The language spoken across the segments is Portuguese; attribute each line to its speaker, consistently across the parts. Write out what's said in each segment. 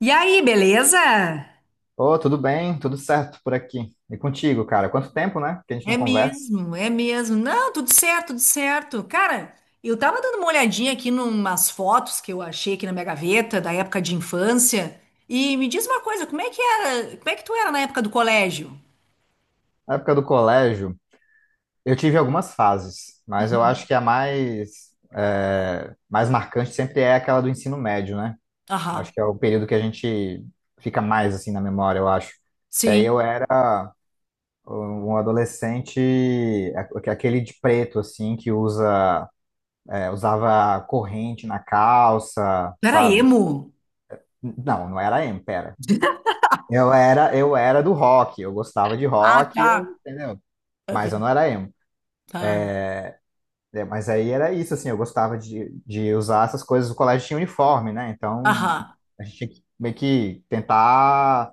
Speaker 1: E aí, beleza?
Speaker 2: Ô, tudo bem? Tudo certo por aqui. E contigo, cara? Quanto tempo, né? Que a gente
Speaker 1: É
Speaker 2: não conversa.
Speaker 1: mesmo, é mesmo. Não, tudo certo, tudo certo. Cara, eu tava dando uma olhadinha aqui numas fotos que eu achei aqui na minha gaveta da época de infância. E me diz uma coisa, como é que era, como é que tu era na época do colégio?
Speaker 2: Na época do colégio, eu tive algumas fases, mas eu acho que a mais, mais marcante sempre é aquela do ensino médio, né? Acho
Speaker 1: Aham,
Speaker 2: que é o período que a gente fica mais assim na memória, eu acho. E aí
Speaker 1: sim.
Speaker 2: eu era um adolescente, aquele de preto, assim, que usava corrente na calça,
Speaker 1: Tu era
Speaker 2: sabe?
Speaker 1: emo?
Speaker 2: Não, não era emo, pera. Eu era do rock, eu gostava de
Speaker 1: Ah,
Speaker 2: rock, eu,
Speaker 1: tá.
Speaker 2: entendeu? Mas eu
Speaker 1: Aham,
Speaker 2: não era emo.
Speaker 1: tá.
Speaker 2: É, mas aí era isso, assim, eu gostava de usar essas coisas. O colégio tinha uniforme, né? Então
Speaker 1: Aham,
Speaker 2: a gente tinha que meio que tentar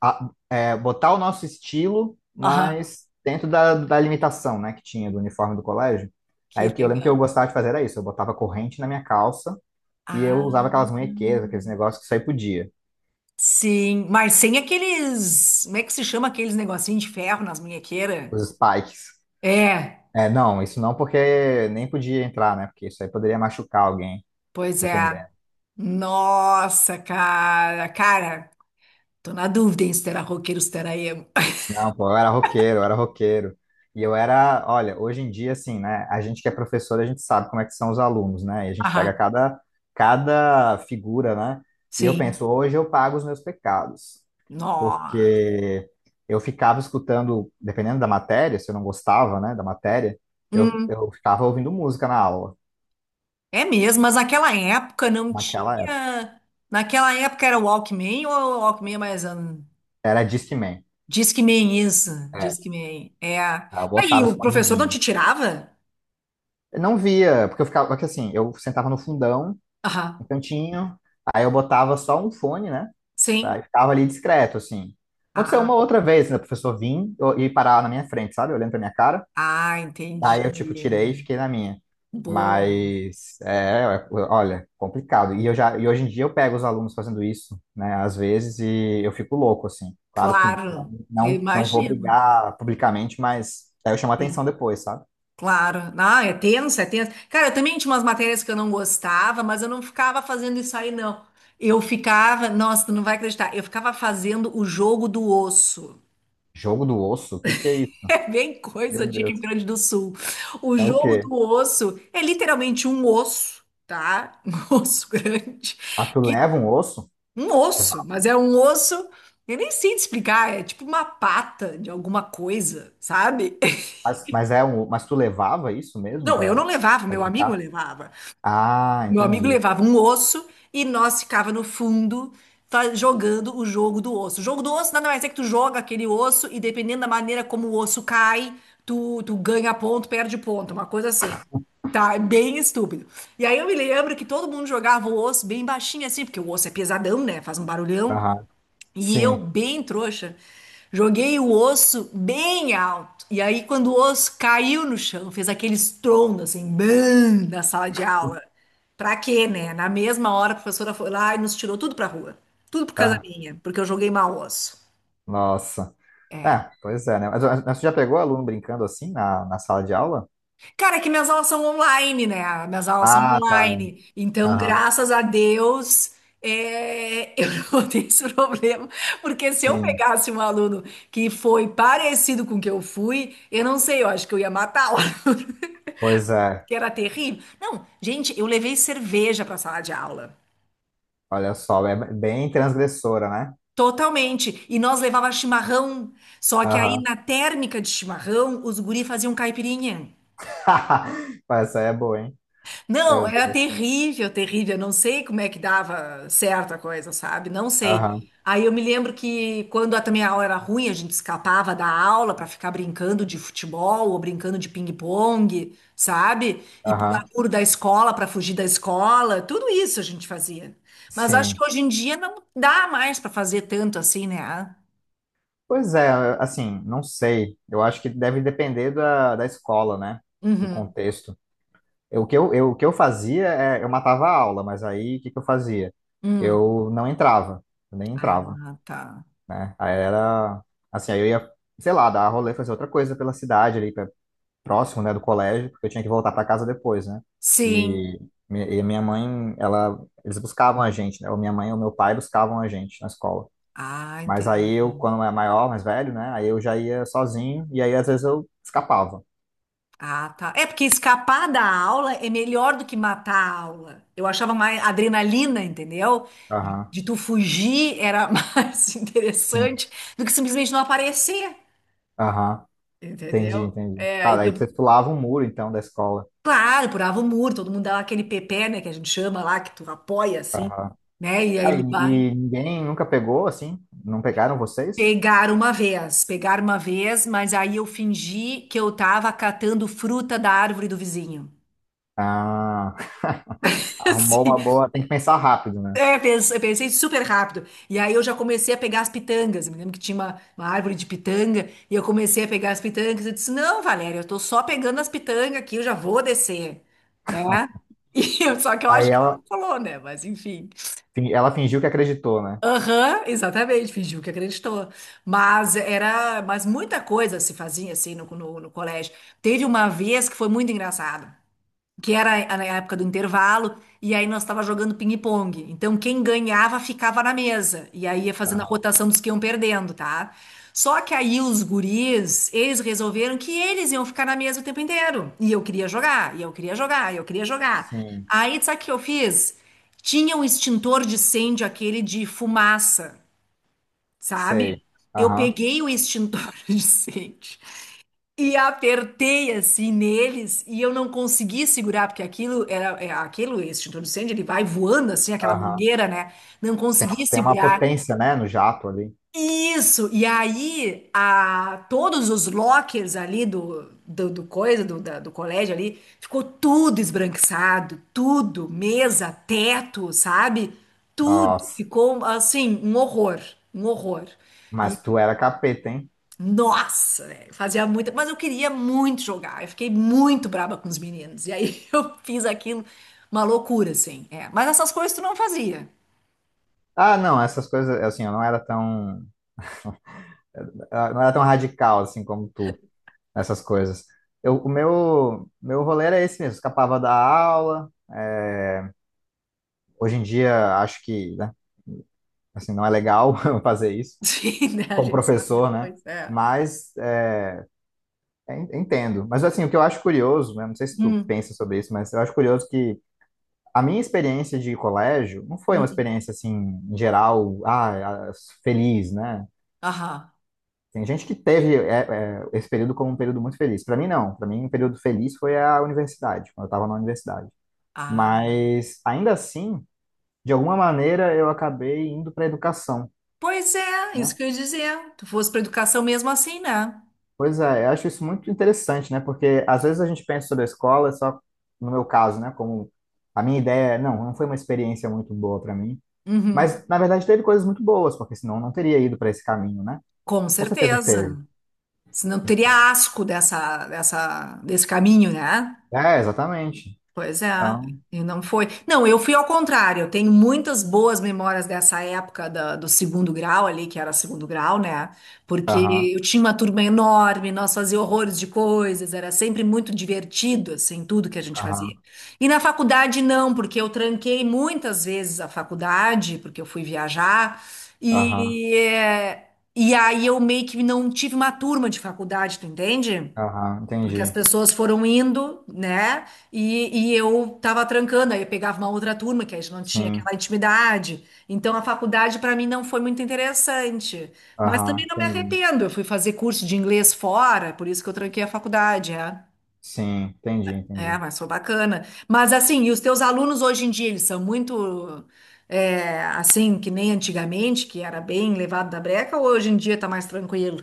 Speaker 2: a- botar o nosso estilo,
Speaker 1: aham.
Speaker 2: mas dentro da limitação, né, que tinha do uniforme do colégio.
Speaker 1: Que
Speaker 2: Aí o que eu lembro que eu
Speaker 1: legal.
Speaker 2: gostava de fazer era isso: eu botava corrente na minha calça e eu usava
Speaker 1: Ah,
Speaker 2: aquelas munhequeiras, aqueles negócios que só aí podia,
Speaker 1: sim. Mas sem aqueles, como é que se chama aqueles negocinhos de ferro nas munhequeiras?
Speaker 2: os spikes.
Speaker 1: É,
Speaker 2: É, não, isso não, porque nem podia entrar, né? Porque isso aí poderia machucar alguém,
Speaker 1: pois é.
Speaker 2: dependendo.
Speaker 1: Nossa, cara. Cara, tô na dúvida em se terá roqueiro, se terá emo.
Speaker 2: Não, pô, eu era roqueiro, eu era roqueiro. E eu era, olha, hoje em dia, assim, né? A gente que é professor, a gente sabe como é que são os alunos, né? E a gente pega
Speaker 1: Aham,
Speaker 2: cada figura, né? E eu
Speaker 1: sim.
Speaker 2: penso, hoje eu pago os meus pecados,
Speaker 1: Nó.
Speaker 2: porque eu ficava escutando, dependendo da matéria, se eu não gostava, né, da matéria,
Speaker 1: Hum,
Speaker 2: eu ficava ouvindo música na aula,
Speaker 1: é mesmo, mas naquela época não
Speaker 2: naquela época.
Speaker 1: tinha. Naquela época era o Walkman ou o Walkman é mais.
Speaker 2: Era Discman,
Speaker 1: Discman, isso.
Speaker 2: é,
Speaker 1: Discman. É.
Speaker 2: eu
Speaker 1: Aí
Speaker 2: botava
Speaker 1: o professor não te
Speaker 2: escondidinho.
Speaker 1: tirava?
Speaker 2: Eu não via, porque eu ficava, porque assim, eu sentava no fundão, no
Speaker 1: Aham,
Speaker 2: cantinho, aí eu botava só um fone, né? Tá?
Speaker 1: sim.
Speaker 2: E ficava ali discreto, assim. Aconteceu uma
Speaker 1: Ah,
Speaker 2: outra vez, né? O professor vinha e parava na minha frente, sabe? Olhando pra minha cara.
Speaker 1: ah,
Speaker 2: Aí eu, tipo,
Speaker 1: entendi.
Speaker 2: tirei e fiquei na minha.
Speaker 1: Boa.
Speaker 2: Mas, é, olha, complicado. E eu já, e hoje em dia eu pego os alunos fazendo isso, né? Às vezes, e eu fico louco, assim. Claro que
Speaker 1: Claro, eu
Speaker 2: não, não vou
Speaker 1: imagino.
Speaker 2: brigar publicamente, mas aí eu chamo a atenção
Speaker 1: Sim.
Speaker 2: depois, sabe?
Speaker 1: Claro. Ah, é tenso, é tenso. Cara, eu também tinha umas matérias que eu não gostava, mas eu não ficava fazendo isso aí, não. Eu ficava, nossa, tu não vai acreditar, eu ficava fazendo o jogo do osso.
Speaker 2: Jogo do osso? O que que é isso?
Speaker 1: É bem
Speaker 2: Meu
Speaker 1: coisa de Rio
Speaker 2: Deus.
Speaker 1: Grande do Sul. O
Speaker 2: É o
Speaker 1: jogo
Speaker 2: quê?
Speaker 1: do osso é literalmente um osso, tá? Um osso grande.
Speaker 2: Ah, tu
Speaker 1: Que,
Speaker 2: leva um osso?
Speaker 1: um osso,
Speaker 2: Levava.
Speaker 1: mas é um osso. Eu nem sei te explicar, é tipo uma pata de alguma coisa, sabe?
Speaker 2: Mas é um, mas tu levava isso mesmo
Speaker 1: Não, eu não levava,
Speaker 2: pra
Speaker 1: meu amigo
Speaker 2: brincar?
Speaker 1: levava.
Speaker 2: Ah,
Speaker 1: Meu amigo
Speaker 2: entendi.
Speaker 1: levava um osso e nós ficava no fundo tá, jogando o jogo do osso. O jogo do osso nada mais é que tu joga aquele osso e dependendo da maneira como o osso cai, tu ganha ponto, perde ponto, uma coisa assim. Tá, é bem estúpido. E aí eu me lembro que todo mundo jogava o osso bem baixinho assim, porque o osso é pesadão, né? Faz um barulhão.
Speaker 2: Aham.
Speaker 1: E eu,
Speaker 2: Sim.
Speaker 1: bem trouxa, joguei o osso bem alto. E aí, quando o osso caiu no chão, fez aquele estrondo, assim, bam, na sala de aula. Pra quê, né? Na mesma hora, a professora foi lá e nos tirou tudo pra rua. Tudo por causa
Speaker 2: Tá.
Speaker 1: minha, porque eu joguei mal o osso.
Speaker 2: Nossa.
Speaker 1: É.
Speaker 2: É, pois é, né? Mas tu já pegou aluno brincando assim na sala de aula?
Speaker 1: Cara, é que minhas aulas são online, né? Minhas aulas são
Speaker 2: Ah, tá.
Speaker 1: online. Então,
Speaker 2: Aham.
Speaker 1: graças a Deus, é, eu não tenho esse problema. Porque se eu
Speaker 2: Sim.
Speaker 1: pegasse um aluno que foi parecido com o que eu fui, eu não sei, eu acho que eu ia matar o aluno,
Speaker 2: Pois é.
Speaker 1: que era terrível. Não, gente, eu levei cerveja para a sala de aula.
Speaker 2: Olha só, é bem transgressora, né?
Speaker 1: Totalmente. E nós levava chimarrão. Só que aí,
Speaker 2: Aham.
Speaker 1: na térmica de chimarrão, os guri faziam caipirinha.
Speaker 2: Pô, essa aí é boa, hein?
Speaker 1: Não,
Speaker 2: Meu
Speaker 1: era
Speaker 2: Deus.
Speaker 1: terrível, terrível. Eu não sei como é que dava certa coisa, sabe? Não sei.
Speaker 2: Aham.
Speaker 1: Aí eu me lembro que quando também a aula era ruim, a gente escapava da aula para ficar brincando de futebol ou brincando de ping-pong, sabe? E pular
Speaker 2: Aham.
Speaker 1: muro da escola para fugir da escola. Tudo isso a gente fazia. Mas acho que
Speaker 2: Sim.
Speaker 1: hoje em dia não dá mais para fazer tanto assim, né? Ah,
Speaker 2: Pois é, assim, não sei. Eu acho que deve depender da escola, né? Do
Speaker 1: uhum.
Speaker 2: contexto. O que eu fazia é, eu matava a aula, mas aí o que que eu fazia?
Speaker 1: Hum.
Speaker 2: Eu não entrava, eu nem entrava,
Speaker 1: Ah, tá.
Speaker 2: né? Aí era, assim, aí eu ia, sei lá, dar rolê, fazer outra coisa pela cidade ali, próximo, né, do colégio, porque eu tinha que voltar para casa depois, né?
Speaker 1: Sim.
Speaker 2: E, e a minha mãe, ela, eles buscavam a gente, né? Ou minha mãe ou meu pai buscavam a gente na escola.
Speaker 1: Ah,
Speaker 2: Mas aí eu,
Speaker 1: entendi.
Speaker 2: quando era maior, mais velho, né? Aí eu já ia sozinho e aí às vezes eu escapava.
Speaker 1: Ah, tá. É porque escapar da aula é melhor do que matar a aula. Eu achava mais adrenalina, entendeu? De,
Speaker 2: Aham.
Speaker 1: de tu fugir era mais
Speaker 2: Sim.
Speaker 1: interessante do que simplesmente não aparecer,
Speaker 2: Aham. Entendi,
Speaker 1: entendeu?
Speaker 2: entendi.
Speaker 1: É,
Speaker 2: Tá, daí
Speaker 1: então,
Speaker 2: você pulava um muro então da escola.
Speaker 1: claro, pulava o muro, todo mundo dava aquele pepé, né, que a gente chama lá, que tu apoia assim,
Speaker 2: Aham.
Speaker 1: né? E aí
Speaker 2: Tá,
Speaker 1: ele vai.
Speaker 2: e ninguém nunca pegou assim? Não pegaram vocês?
Speaker 1: Pegar uma vez, mas aí eu fingi que eu tava catando fruta da árvore do vizinho.
Speaker 2: Ah, arrumou
Speaker 1: assim.
Speaker 2: uma boa. Tem que pensar rápido, né?
Speaker 1: É, eu pensei super rápido. E aí eu já comecei a pegar as pitangas. Eu me lembro que tinha uma árvore de pitanga e eu comecei a pegar as pitangas. Eu disse: Não, Valéria, eu tô só pegando as pitangas aqui, eu já vou descer, né? Só que eu
Speaker 2: Aí
Speaker 1: acho que ela
Speaker 2: ela,
Speaker 1: não falou, né? Mas enfim.
Speaker 2: ela fingiu que acreditou, né?
Speaker 1: Aham, exatamente, fingiu que acreditou. Mas era, mas muita coisa se fazia assim no colégio. Teve uma vez que foi muito engraçado que era a época do intervalo, e aí nós estava jogando ping-pong. Então, quem ganhava ficava na mesa, e aí ia fazendo a
Speaker 2: Aham.
Speaker 1: rotação dos que iam perdendo, tá? Só que aí os guris, eles resolveram que eles iam ficar na mesa o tempo inteiro. E eu queria jogar, e eu queria jogar, e eu queria jogar.
Speaker 2: Sim,
Speaker 1: Aí, sabe o que eu fiz? Tinha um extintor de incêndio, aquele de fumaça,
Speaker 2: sei.
Speaker 1: sabe? Eu
Speaker 2: Aham,
Speaker 1: peguei o extintor de incêndio e apertei assim neles e eu não consegui segurar, porque aquilo era é, aquilo, esse extintor de incêndio, ele vai voando assim, aquela
Speaker 2: aham.
Speaker 1: mangueira, né? Não consegui
Speaker 2: Tem uma
Speaker 1: segurar.
Speaker 2: potência, né, no jato ali.
Speaker 1: Isso! E aí, a, todos os lockers ali do coisa, do colégio ali, ficou tudo esbranquiçado, tudo, mesa, teto, sabe? Tudo
Speaker 2: Nossa,
Speaker 1: ficou assim, um horror, um horror.
Speaker 2: mas tu era capeta, hein?
Speaker 1: Nossa, velho, fazia muito, mas eu queria muito jogar. Eu fiquei muito braba com os meninos. E aí eu fiz aquilo, uma loucura, assim. É. Mas essas coisas tu não fazia.
Speaker 2: Ah, não, essas coisas, assim, eu não era tão, eu não era tão radical, assim, como tu, essas coisas. Meu rolê era esse mesmo, escapava da aula. Hoje em dia, acho que, né, assim, não é legal fazer isso,
Speaker 1: Sim, né? A
Speaker 2: como
Speaker 1: gente sabe
Speaker 2: professor, né?
Speaker 1: depois. É.
Speaker 2: Mas, é, entendo. Mas, assim, o que eu acho curioso, né, não sei se tu
Speaker 1: Hum,
Speaker 2: pensa sobre isso, mas eu acho curioso que a minha experiência de colégio não foi uma
Speaker 1: hum.
Speaker 2: experiência, assim, em geral, ah, feliz, né?
Speaker 1: Aham.
Speaker 2: Tem gente que teve esse período como um período muito feliz. Para mim, não. Para mim, um período feliz foi a universidade, quando eu estava na universidade.
Speaker 1: Ah.
Speaker 2: Mas, ainda assim, de alguma maneira, eu acabei indo para a educação,
Speaker 1: Pois é, isso
Speaker 2: né?
Speaker 1: que eu ia dizer. Tu fosse pra educação mesmo assim, né?
Speaker 2: Pois é, eu acho isso muito interessante, né? Porque às vezes a gente pensa sobre a escola, só no meu caso, né? Como a minha ideia, não, não foi uma experiência muito boa para mim.
Speaker 1: Uhum.
Speaker 2: Mas, na verdade, teve coisas muito boas, porque senão eu não teria ido para esse caminho, né?
Speaker 1: Com
Speaker 2: Com certeza
Speaker 1: certeza.
Speaker 2: teve.
Speaker 1: Senão tu
Speaker 2: Então,
Speaker 1: teria asco dessa, desse caminho, né?
Speaker 2: é, exatamente.
Speaker 1: Pois é,
Speaker 2: Então,
Speaker 1: e não foi. Não, eu fui ao contrário. Eu tenho muitas boas memórias dessa época do segundo grau ali, que era segundo grau, né? Porque
Speaker 2: aham,
Speaker 1: eu tinha uma turma enorme, nós fazíamos horrores de coisas, era sempre muito divertido, assim, tudo que a gente fazia.
Speaker 2: aham.
Speaker 1: E na faculdade não, porque eu tranquei muitas vezes a faculdade, porque eu fui viajar,
Speaker 2: Aham,
Speaker 1: e, é, e aí eu meio que não tive uma turma de faculdade, tu entende?
Speaker 2: aham,
Speaker 1: Porque as
Speaker 2: entendi.
Speaker 1: pessoas foram indo, né? E eu tava trancando, aí eu pegava uma outra turma, que a gente não tinha aquela
Speaker 2: Sim,
Speaker 1: intimidade. Então a faculdade para mim não foi muito interessante. Mas
Speaker 2: aham,
Speaker 1: também não me
Speaker 2: entendi.
Speaker 1: arrependo. Eu fui fazer curso de inglês fora, por isso que eu tranquei a faculdade, é.
Speaker 2: Sim, entendi,
Speaker 1: É,
Speaker 2: entendi.
Speaker 1: mas foi bacana. Mas assim, e os teus alunos hoje em dia, eles são muito é, assim, que nem antigamente, que era bem levado da breca, ou hoje em dia tá mais tranquilo?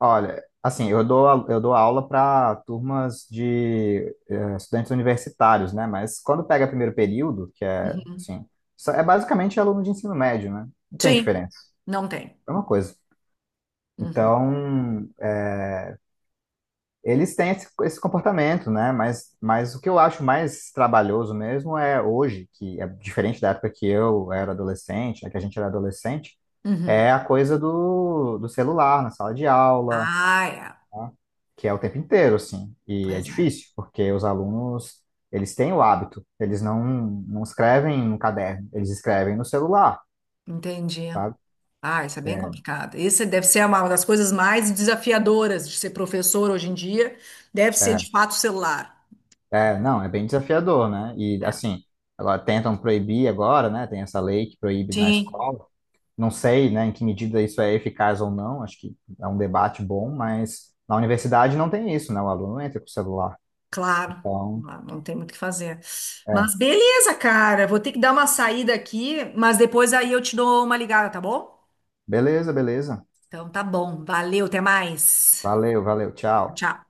Speaker 2: Olha, assim, eu dou, eu dou aula para turmas de eh, estudantes universitários, né? Mas quando pega primeiro período, que é, assim, é basicamente aluno de ensino médio, né? Não tem
Speaker 1: Sim,
Speaker 2: diferença,
Speaker 1: não tem.
Speaker 2: é uma coisa.
Speaker 1: Uhum.
Speaker 2: Então, eh, eles têm esse comportamento, né? Mas o que eu acho mais trabalhoso mesmo é hoje, que é diferente da época que eu era adolescente, né? Que a gente era adolescente,
Speaker 1: Uhum.
Speaker 2: é a coisa do celular na sala de aula,
Speaker 1: Ah, é.
Speaker 2: tá? Que é o tempo inteiro, assim. E é
Speaker 1: Pois é,
Speaker 2: difícil, porque os alunos, eles têm o hábito, eles não, não escrevem no caderno, eles escrevem no celular,
Speaker 1: entendi.
Speaker 2: sabe?
Speaker 1: Ah, isso é bem
Speaker 2: É,
Speaker 1: complicado. Isso deve ser uma das coisas mais desafiadoras de ser professor hoje em dia. Deve ser
Speaker 2: é,
Speaker 1: de fato o celular.
Speaker 2: não, é bem desafiador, né? E
Speaker 1: É.
Speaker 2: assim, agora tentam proibir agora, né? Tem essa lei que proíbe na
Speaker 1: Sim,
Speaker 2: escola. Não sei, né, em que medida isso é eficaz ou não, acho que é um debate bom, mas na universidade não tem isso, né? O aluno entra com o celular.
Speaker 1: claro.
Speaker 2: Então,
Speaker 1: Não, não tem muito o que fazer.
Speaker 2: é,
Speaker 1: Mas beleza, cara. Vou ter que dar uma saída aqui, mas depois aí eu te dou uma ligada, tá bom?
Speaker 2: beleza, beleza.
Speaker 1: Então tá bom. Valeu, até mais.
Speaker 2: Valeu, valeu, tchau.
Speaker 1: Tchau.